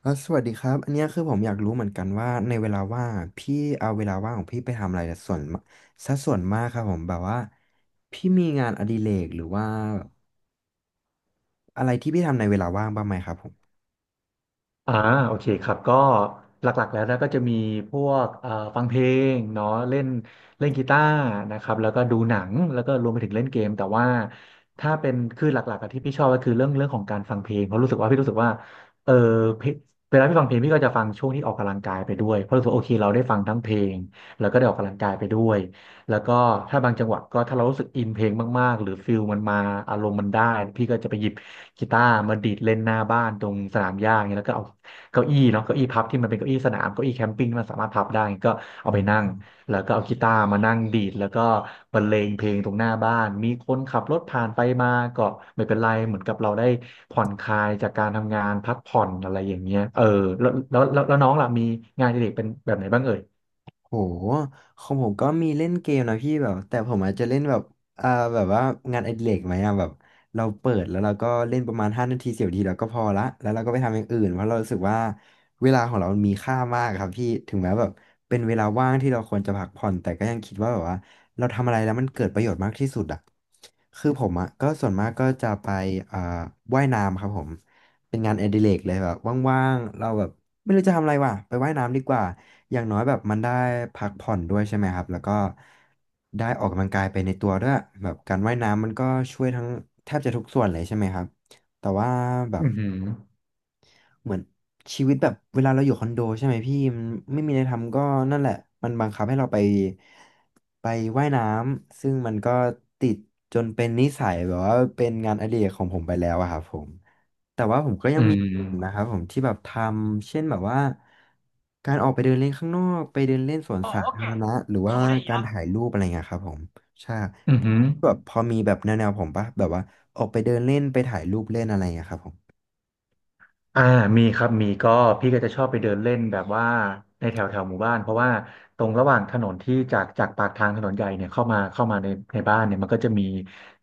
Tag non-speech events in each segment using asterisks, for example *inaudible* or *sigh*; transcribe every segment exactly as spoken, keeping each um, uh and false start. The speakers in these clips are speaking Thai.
เอ่ะสวัสดีครับอันเนี้ยคือผมอยากรู้เหมือนกันว่าในเวลาว่างอะพี่เอาเวลาว่างของพี่ไปทำอะไรส่วนซะส่วนมากครับผมแบบว่าพี่มีงานอดิเรกหรือว่าอะไรที่พี่ทำในเวลาว่างบ้างไหมครับผมอ่าโอเคครับก็หลักๆแล้วนะก็จะมีพวกเอ่อฟังเพลงเนาะเล่นเล่นกีตาร์นะครับแล้วก็ดูหนังแล้วก็รวมไปถึงเล่นเกมแต่ว่าถ้าเป็นคือหลักๆอะที่พี่ชอบก็คือเรื่องเรื่องของการฟังเพลงเพราะรู้สึกว่าพี่รู้สึกว่าเออเพลงเวลาพี่ฟังเพลงพี่ก็จะฟังช่วงที่ออกกำลังกายไปด้วยเพราะรู้สึกว่าโอเคเราได้ฟังทั้งเพลงแล้วก็ได้ออกกำลังกายไปด้วยแล้วก็ถ้าบางจังหวะก็ถ้าเรารู้สึกอินเพลงมากๆหรือฟิลมันมาอารมณ์มันได้พี่ก็จะไปหยิบกีตาร์มาดีดเล่นหน้าบ้านตรงสนามหญ้าอย่างเงี้ยแล้วก็เอา เก้าอี้เนาะเก้าอี้พับที่มันเป็นเก้าอี้สนามเก้าอี้แคมปิ้งที่มันสามารถพับได้ก็เอาอ่ไปนั่งา แล้วก็เอากีตาร์มานั่งดีดแล้วก็บรรเลงเพลงตรงหน้าบ้านมีคนขับรถผ่านไปมาก็ไม่เป็นไรเหมือนกับเราได้ผ่อนคลายจากการทำงานพักผ่อนอะไรอย่างเงี้ยเออแล้วแล้วแล้วแล้วน้องล่ะมีงานอดิเรกเป็นแบบไหนบ้างเอ่ยโหของผมก็มีเล่นเกมนะพี่แบบแต่ผมอาจจะเล่นแบบอ่าแบบว่างานอดิเรกไหมอ่ะแบบเราเปิดแล้วเราก็เล่นประมาณห้านาทีสิบนาทีเราก็พอละแล้วเราก็ไปทำอย่างอื่นเพราะเรารู้สึกว่าเวลาของเรามันมีค่ามากครับพี่ถึงแม้แบบเป็นเวลาว่างที่เราควรจะพักผ่อนแต่ก็ยังคิดว่าแบบว่าเราทำอะไรแล้วมันเกิดประโยชน์มากที่สุดอ่ะคือผมอ่ะก็ส่วนมากก็จะไปอ่าว่ายน้ำครับผม เป็นงานอดิเรกเลยแบบว่างๆ เราแบบไม่รู้จะทำอะไรว่ะไปว่ายน้ำดีกว่าอย่างน้อยแบบมันได้พักผ่อนด้วยใช่ไหมครับแล้วก็ได้ออกกำลังกายไปในตัวด้วยแบบการว่ายน้ำมันก็ช่วยทั้งแทบจะทุกส่วนเลยใช่ไหมครับแต่ว่าแบอืบ มอหือเหมือนชีวิตแบบเวลาเราอยู่คอนโดใช่ไหมพี่มันไม่มีอะไรทำก็นั่นแหละมันบังคับให้เราไปไปว่ายน้ำซึ่งมันก็ติดจนเป็นนิสัยแบบว่าเป็นงานอดิเรกของผมไปแล้วอะครับผมแต่ว่าผมก็ยัอืงมีอย่างอื่นนะมครับผมที่แบบทำเช่นแบบว่าการออกไปเดินเล่นข้างนอกไปเดินเล่นสวน어สา어ธา깨รณะหรือ소ว่า리การ야ถ่ายรูปอะไรเงี้ยครับผมใช่อือหือ แบบพอมีแบบแนวๆผมปะแบบว่าออกไปเดินเล่นไปถ่ายรูปเล่นอะไรเงี้ยครับผมอ่ามีครับมีก็พี่ก็จะชอบไปเดินเล่นแบบว่าในแถวแถวหมู่บ้านเพราะว่าตรงระหว่างถนนที่จากจากปากทางถนนใหญ่เนี่ยเข้ามาเข้ามาในในบ้านเนี่ยมันก็จะมี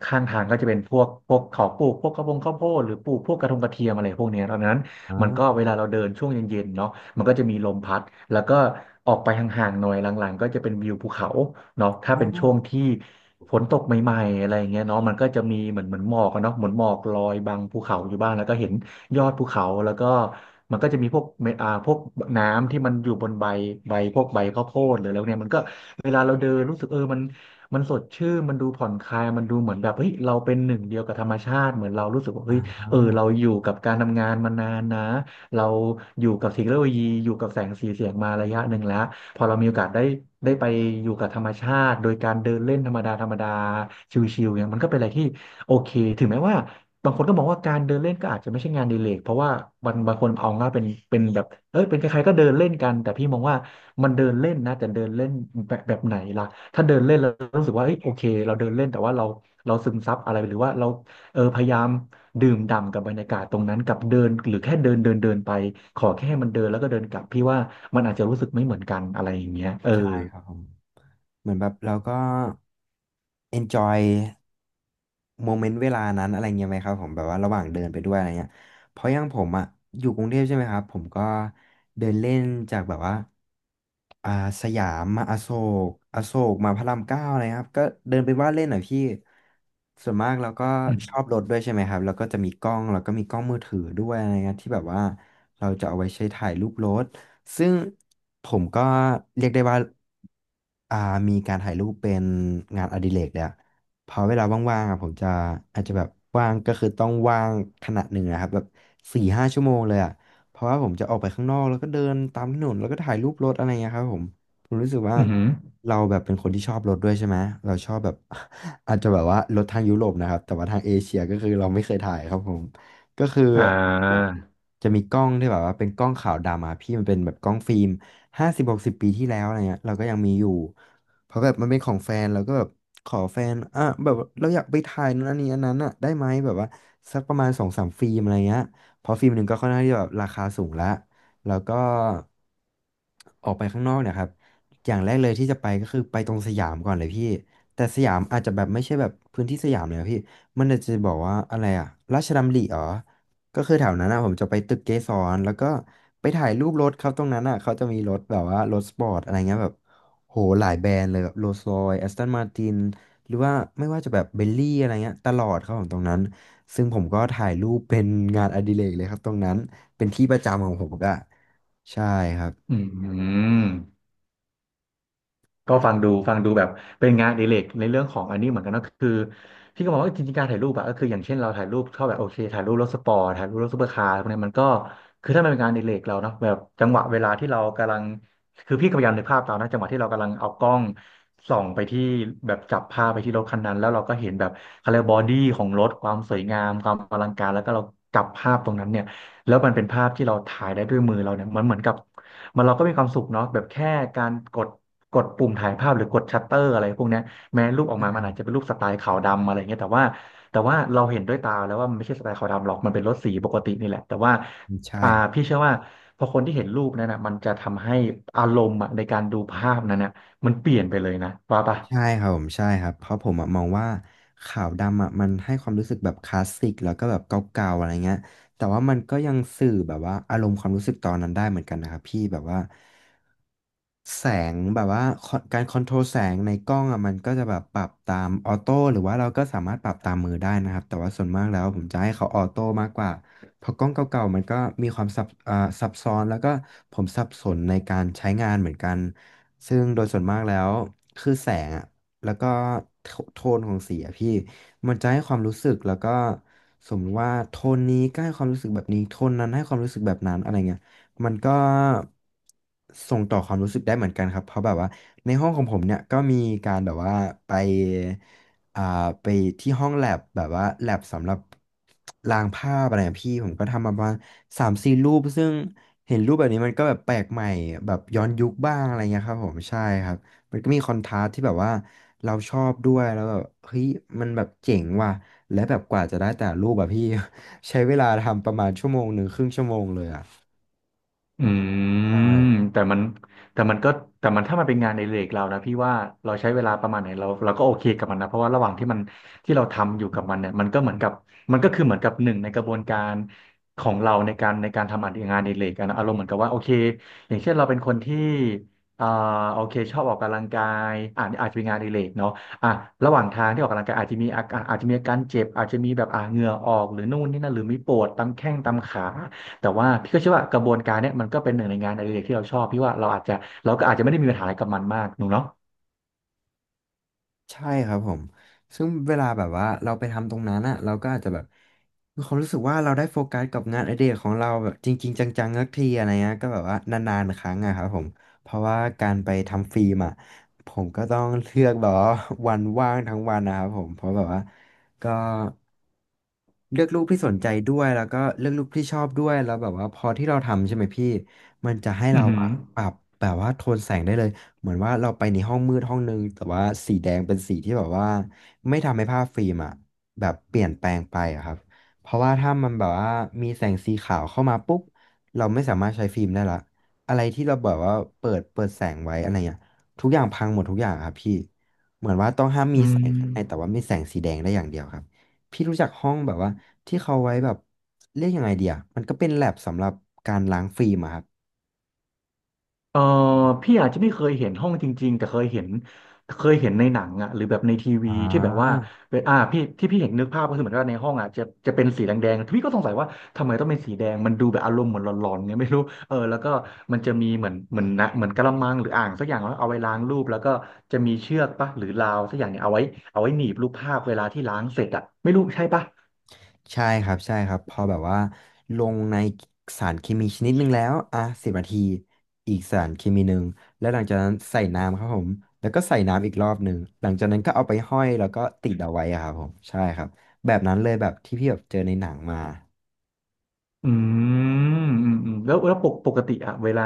ข้างทางก็จะเป็นพวกพวกเขาปลูกพวกกระบงข้าวโพดหรือปลูกพวกกระทงกระเทียมอะไรพวกเนี้ยดังนั้น มันก็อ่เวลาเราเดินช่วงเย็นๆเนาะมันก็จะมีลมพัดแล้วก็ออกไปห่างๆหน่อยหลังๆก็จะเป็นวิวภูเขาเนาะถ้าเป็นช่วงา ที่ฝนตกใหม่ๆอะไรอย่างเงี้ยเนาะมันก็จะมีเหมือนเหมือนหมอกอะเนาะเหมือนหมอกลอยบังภูเขาอยู่บ้างแล้วก็เห็นยอดภูเขาแล้วก็มันก็จะมีพวกเมอ่าพวกน้ำที่มันอยู่บนใบใบพวกใบข้าวโพดหรือแล้วเนี่ยมันก็เวลาเราเดินรู้สึกเออมันมันสดชื่นมันดูผ่อนคลายมันดูเหมือนแบบเฮ้ยเราเป็นหนึ่งเดียวกับธรรมชาติเหมือนเรารู้สึกว่าเฮ้ย เออเราอยู่กับการทำงานมานานนะเราอยู่กับเทคโนโลยีอยู่กับแสงสีเสียงมาระยะหนึ่งแล้วพอเรามีโอกาสได้ได้ไปอยู่กับธรรมชาติโดยการเดินเล่นธรรมดาธรรมดาชิลๆเนี่ยมันก็เป็นอะไรที่โอเคถึงแม้ว่าบางคนก็มองว่าการเดินเล่นก็อาจจะไม่ใช่งานอดีเลกเพราะว่าบางบางคนเอาง่ายเป็นเป็นแบบเอ้ยเป็นใครๆก็เดินเล่นกันแต่พี่มองว่ามันเดินเล่นนะแต่เดินเล่นแบบแบบไหนล่ะถ้าเดินเล่นแล้วรู้สึกว่าเอ้ยโอเคเราเดินเล่นแต่ว่าเราเราซึมซับอะไรหรือว่าเราเออพยายาม ดื่มด่ำกับบรรยากาศตรงนั้นกับเดินหรือแค่เดินเดินเดินไปขอแค่มันเดินแล้วก็เดินกลับพี่ว่ามันอาจจะรู้สึกไม่เหมือนกันอะไรอย่างเงี้ยเออใช่ครับผมเหมือนแบบเราก็ enjoy โมเมนต์เวลานั้นอะไรเงี้ยไหมครับผมแบบว่าระหว่างเดินไปด้วยอะไรเงี้ยเพราะอย่างผมอ่ะอยู่กรุงเทพใช่ไหมครับผมก็เดินเล่นจากแบบว่าอ่าสยามมาอโศกอโศกมาพระรามเก้าอะไรครับก็เดินไปว่าเล่นหน่อยพี่ส่วนมากเราก็อืชอมบรถด้วยใช่ไหมครับแล้วก็จะมีกล้องแล้วก็มีกล้องมือถือด้วยอะไรเงี้ยที่แบบว่าเราจะเอาไว้ใช้ถ่ายรูปรถซึ่งผมก็เรียกได้ว่าอ่ามีการถ่ายรูปเป็นงานอดิเรกแล้ว พอเวลาว่างๆอ่ะผมจะอาจจะแบบว่างก็คือต้องว่างขนาดหนึ่งนะครับแบบสี่ห้าชั่วโมงเลยอ่ะเพราะว่าผมจะออกไปข้างนอกแล้วก็เดินตามถนนแล้วก็ถ่ายรูปรถอะไรเงี้ยครับผมผมรู้สึกว่าอมอหือเราแบบเป็นคนที่ชอบรถด้วยใช่ไหมเราชอบแบบ *laughs* อาจจะแบบว่ารถทางยุโรปนะครับแต่ว่าทางเอเชียก็คือเราไม่เคยถ่ายครับผมก็คืออ่าจะมีกล้องที่แบบว่าเป็นกล้องขาวดำอะพี่มันเป็นแบบกล้องฟิล์มห้าสิบหกสิบปีที่แล้วอะไรเงี้ยเราก็ยังมีอยู่ เพราะแบบมันเป็นของแฟนเราก็แบบขอแฟนอ่ะแบบเราอยากไปถ่ายนั้นอันนี้อันนั้นอ่ะได้ไหมแบบว่าสักประมาณสองสามฟิล์มอะไรเงี้ยเพราะฟิล์มหนึ่งก็ค่อนข้างที่จะแบบราคาสูงละแล้วก็ออกไปข้างนอกเนี่ยครับอย่างแรกเลยที่จะไปก็คือไปตรงสยามก่อนเลยพี่แต่สยามอาจจะแบบไม่ใช่แบบพื้นที่สยามเลยอะพี่มันอาจจะบอกว่าอะไรอะราชดำริอ๋อก็คือแถวนั้นอ่ะผมจะไปตึกเกสรแล้วก็ไปถ่ายรูปรถครับตรงนั้นอ่ะเขาจะมีรถแบบว่ารถสปอร์ตอะไรเงี้ยแบบ โหหลายแบรนด์เลยแบบโรลส์รอยซ์แอสตันมาตินหรือว่าไม่ว่าจะแบบเบลลี่อะไรเงี้ยตลอดครับผมตรงนั้นซึ่งผมก็ถ่ายรูปเป็นงานอดิเรกเลยครับตรงนั้นเป็นที่ประจำของผมก็ใช่ครับอืม ก็ฟังดูฟังดูแบบเป็นงานอดิเรกในเรื่องของอันนี้เหมือนกันนะคือพี่ก็มองว่าจริงๆการถ่ายรูปอะก็คืออย่างเช่นเราถ่ายรูปชอบแบบโอเคถ่ายรูปรถสปอร์ตถ่ายรูปรถซูเปอร์คาร์พวกเนี้ยมันก็คือถ้ามันเป็นงานอดิเรกเราเนาะแบบจังหวะเวลาที่เรากำลังคือพี่ก็พยายามนึกภาพตามนะจังหวะที่เรากำลังเอากล้องส่องไปที่แบบจับภาพไปที่รถคันนั้นแล้วเราก็เห็นแบบเขาเรียกบอดี้ของรถความสวยงามความอลังการแล้วก็เราจับภาพตรงนั้นเนี่ยแล้วมันเป็นภาพที่เราถ่ายได้ด้วยมือเราเนี่ยมันเหมือนกับ มันเราก็มีความสุขเนาะแบบแค่การกดกดปุ่มถ่ายภาพหรือกดชัตเตอร์อะไรพวกเนี้ยแม้รูปออกมามันอาจจะเป็นรูปสไตล์ขาวดำอะไรเงี้ยแต่ว่าแต่ว่าเราเห็นด้วยตาแล้วว่ามันไม่ใช่สไตล์ขาวดำหรอกมันเป็นรถสีปกตินี่แหละแต่ว่าใช่ อ่าพี่เชื่อว่าพอคนที่เห็นรูปนั้นนะมันจะทำให้อารมณ์อะในการดูภาพนั้นนะมันเปลี่ยนไปเลยนะว่าปะ ใช่ครับผมใช่ครับเพราะผมอะมองว่าขาวดำอะมันให้ความรู้สึกแบบคลาสสิกแล้วก็แบบเก่าๆอะไรเงี้ยแต่ว่ามันก็ยังสื่อแบบว่าอารมณ์ความรู้สึกตอนนั้นได้เหมือนกันนะครับพี่แบบว่าแสงแบบว่าคอการคอนโทรลแสงในกล้องอะมันก็จะแบบปรับตามออโต้หรือว่าเราก็สามารถปรับตามมือได้นะครับแต่ว่าส่วนมากแล้วผมจะให้เขาออโต้มากกว่าเพราะกล้องเก่าๆมันก็มีความซับอ่าซับซ้อนแล้วก็ผมสับสนในการใช้งานเหมือนกัน ซึ่งโดยส่วนมากแล้วคือแสงอ่ะแล้วก็โทโทนของสีอะพี่มันจะให้ความรู้สึกแล้วก็สมมติว่าโทนนี้ก็ให้ความรู้สึกแบบนี้โทนนั้นให้ความรู้สึกแบบนั้นอะไรเงี้ยมันก็ส่งต่อความรู้สึกได้เหมือนกันครับเพราะแบบว่าในห้องของผมเนี่ยก็มีการแบบว่าไปอ่าไปที่ห้องแลบแบบว่าแลบสำหรับลางภาพอะไรอะพี่ผมก็ทำมาประมาณสามสี่รูปซึ่ง เห็นรูปแบบนี้มันก็แบบแปลกใหม่แบบย้อนยุคบ้างอะไรเงี้ยครับผมใช่ครับมันก็มีคอนทราสต์ที่แบบว่าเราชอบด้วยแล้วแบบเฮ้ยมันแบบเจ๋งว่ะและแบบกว่าจะได้แต่ละรูปแบบพี่ *laughs* ใช้เวลาทำประมาณชั่วโมงหนึ่งครึ่งชั่วโมงเลยอ่ะอืใมช่ แต่มันแต่มันก็แต่มันถ้ามันเป็นงานในเรกเรานะพี่ว่าเราใช้เวลาประมาณไหนเราเราก็โอเคกับมันนะเพราะว่าระหว่างที่มันที่เราทำอยู่กับมันเนี่ยมันก็เหมือนกับมันก็คือเหมือนกับหนึ่งในกระบวนการของเราในการในการทำงานในเรกอะนะอารมณ์เหมือนกับว่าโอเคอย่างเช่นเราเป็นคนที่อ่าโอเคชอบออกกำลังกายอ่าอาจจะเป็นงานในเรกเนาะอ่ะระหว่างทางที่ออกกำลังกายอาจจะมีอาการอาจจะมีอาการเจ็บอาจจะมีแบบอ่าเหงื่อออกหรือนู่นนี่นั่นหรือมีปวดตามแข้งตามขา แต่ว่าพี่ก็เชื่อว่ากระบวนการเนี้ยมันก็เป็นหนึ่งในงานอดิเรกที่เราชอบพี่ว่าเราอาจจะเราก็อาจจะไม่ได้มีปัญหาอะไรกับมันมากหนูเนาะใช่ครับผม ซึ่งเวลาแบบว่าเราไปทำตรงนั้นอะเราก็อาจจะแบบมีความรู้สึกว่าเราได้โฟกัสกับงานอดิเรกของเราแบบจริงๆจังๆสักทีอะไรเงี้ยก็แบบว่านานๆครั้งอะครับผมเพราะว่าการไปทำฟิล์มอะผมก็ต้องเลือกแบบว่า *laughs* วันว่างทั้งวันนะครับผมเพราะแบบว่าก็เลือกรูปที่สนใจด้วยแล้วก็เลือกรูปที่ชอบด้วยแล้วแบบว่าพอที่เราทำใช่ไหมพี่มันจะให้อืเราอหืออะปรับแบบว่าโทนแสงได้เลย เหมือนว่าเราไปในห้องมืดห้องนึงแต่ว่าสีแดงเป็นสีที่แบบว่าไม่ทำให้ภาพฟิล์มอะแบบเปลี่ยนแปลงไปอะครับเพราะว่าถ้ามันแบบว่ามีแสงสีขาวเข้ามาปุ๊บเราไม่สามารถใช้ฟิล์มได้ละอะไรที่เราแบบว่าเปิดเปิดแสงไว้อะไรเงี้ยทุกอย่างพังหมดทุกอย่างอะครับพี่เหมือนว่าต้องห้ามมีอืแสงข้างในแต่ม ว่ามีแสงสีแดงได้อย่างเดียวครับพี่รู้จักห้องแบบว่าที่เขาไว้แบบเรียกยังไงเดียมันก็เป็นแลบสำหรับการล้างฟิล์มอะครับเออพี่อาจจะไม่เคยเห็นห้องจริงๆแต่เคยเห็นเคยเห็นในหนังอ่ะหรือแบบในทีอ่วีที่แบบว่าา เป็นอ่าพี่ที่พี่เห็นนึกภาพก็คือเหมือนว่าในห้องอ่ะจะจะเป็นสีแดงๆพี่ก็สงสัยว่าทำไมต้องเป็นสีแดงมันดูแบบอารมณ์เหมือนหลอนๆไงไม่รู้เออแล้วก็มันจะมีเหมือนเหมือนนะเหมือนกะละมังหรืออ่างสักอย่างแล้วเอาไว้ล้างรูปแล้วก็จะมีเชือกปะหรือราวสักอย่างเนี่ยเอาไว้เอาไว้หนีบรูปภาพเวลาที่ล้างเสร็จอ่ะไม่รู้ใช่ปะ ใช่ครับใช่ครับพอแบบว่าลงในสารเคมีชนิดหนึ่งแล้วอ่ะสิบนาทีอีกสารเคมีหนึ่งแล้วหลังจากนั้นใส่น้ำครับผมแล้วก็ใส่น้ำอีกรอบหนึ่งหลังจากนั้นก็เอาไปห้อยแล้วก็ติดเอาไว้อะครับผมใช่ครับแบบนั้นเลยแบบที่พี่แบบเจอในหนังมา อืมอืมอืมแล้วแล้วปกปกติอะเวลา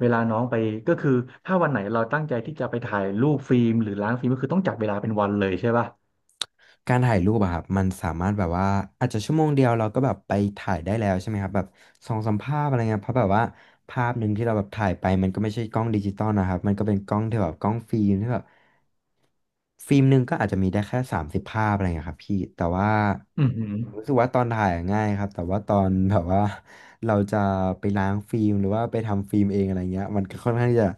เวลาน้องไปก็คือถ้าวันไหนเราตั้งใจที่จะไปถ่ายรูปฟิล์มหรือล้างฟิล์มก็คือต้องจัดเวลาเป็นวันเลยใช่ป่ะการถ่ายรูปอะครับมันสามารถแบบว่าอาจจะชั่วโมงเดียวเราก็แบบไปถ่ายได้แล้วใช่ไหมครับแบบสองสามภาพอะไรเงี้ยเพราะแบบว่าภาพหนึ่งที่เราแบบถ่ายไปมันก็ไม่ใช่กล้องดิจิตอลนะครับมันก็เป็นกล้องที่แบบกล้องฟิล์มที่แบบฟิล์มหนึ่งก็อาจจะมีได้แค่สามสิบภาพอะไรเงี้ยครับพี่แต่ว่าอืมอหือผมรู้สึกว่าตอนถ่ายอะง่ายครับแต่ว่าตอนแบบว่าเราจะไปล้างฟิล์มหรือว่าไปทำฟิล์มเองอะไรเงี้ยมันก็ค่อนข้างที่จะ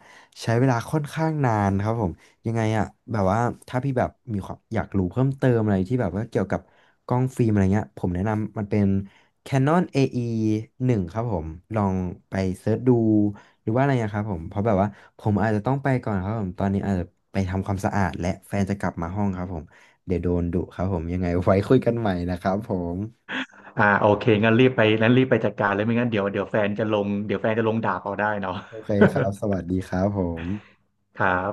ใช้เวลาค่อนข้างนานครับผม ยังไงอะแบบว่าถ้าพี่แบบมีความอยากรู้เพิ่มเติมอะไรที่แบบว่าเกี่ยวกับกล้องฟิล์มอะไรเงี้ยผมแนะนำมันเป็น Canon เอ อี วันครับผมลองไปเซิร์ชดูหรือว่าอะไรนะครับผมเพราะแบบว่าผมอาจจะต้องไปก่อนครับผมตอนนี้อาจจะไปทำความสะอาดและแฟนจะกลับมาห้องครับผมเดี๋ยวโดนดุครับผมยังไงไว้คุยกันใหม่นะครับผมอ่าโอเคงั้นรีบไปงั้นรีบไปจัดการเลยไม่งั้นเดี๋ยวเดี๋ยวแฟนจะลงเดี๋ยวแฟนจะลงด่าเอาได้เนาะ โอเคครับสวัสดีครับผม *laughs* ครับ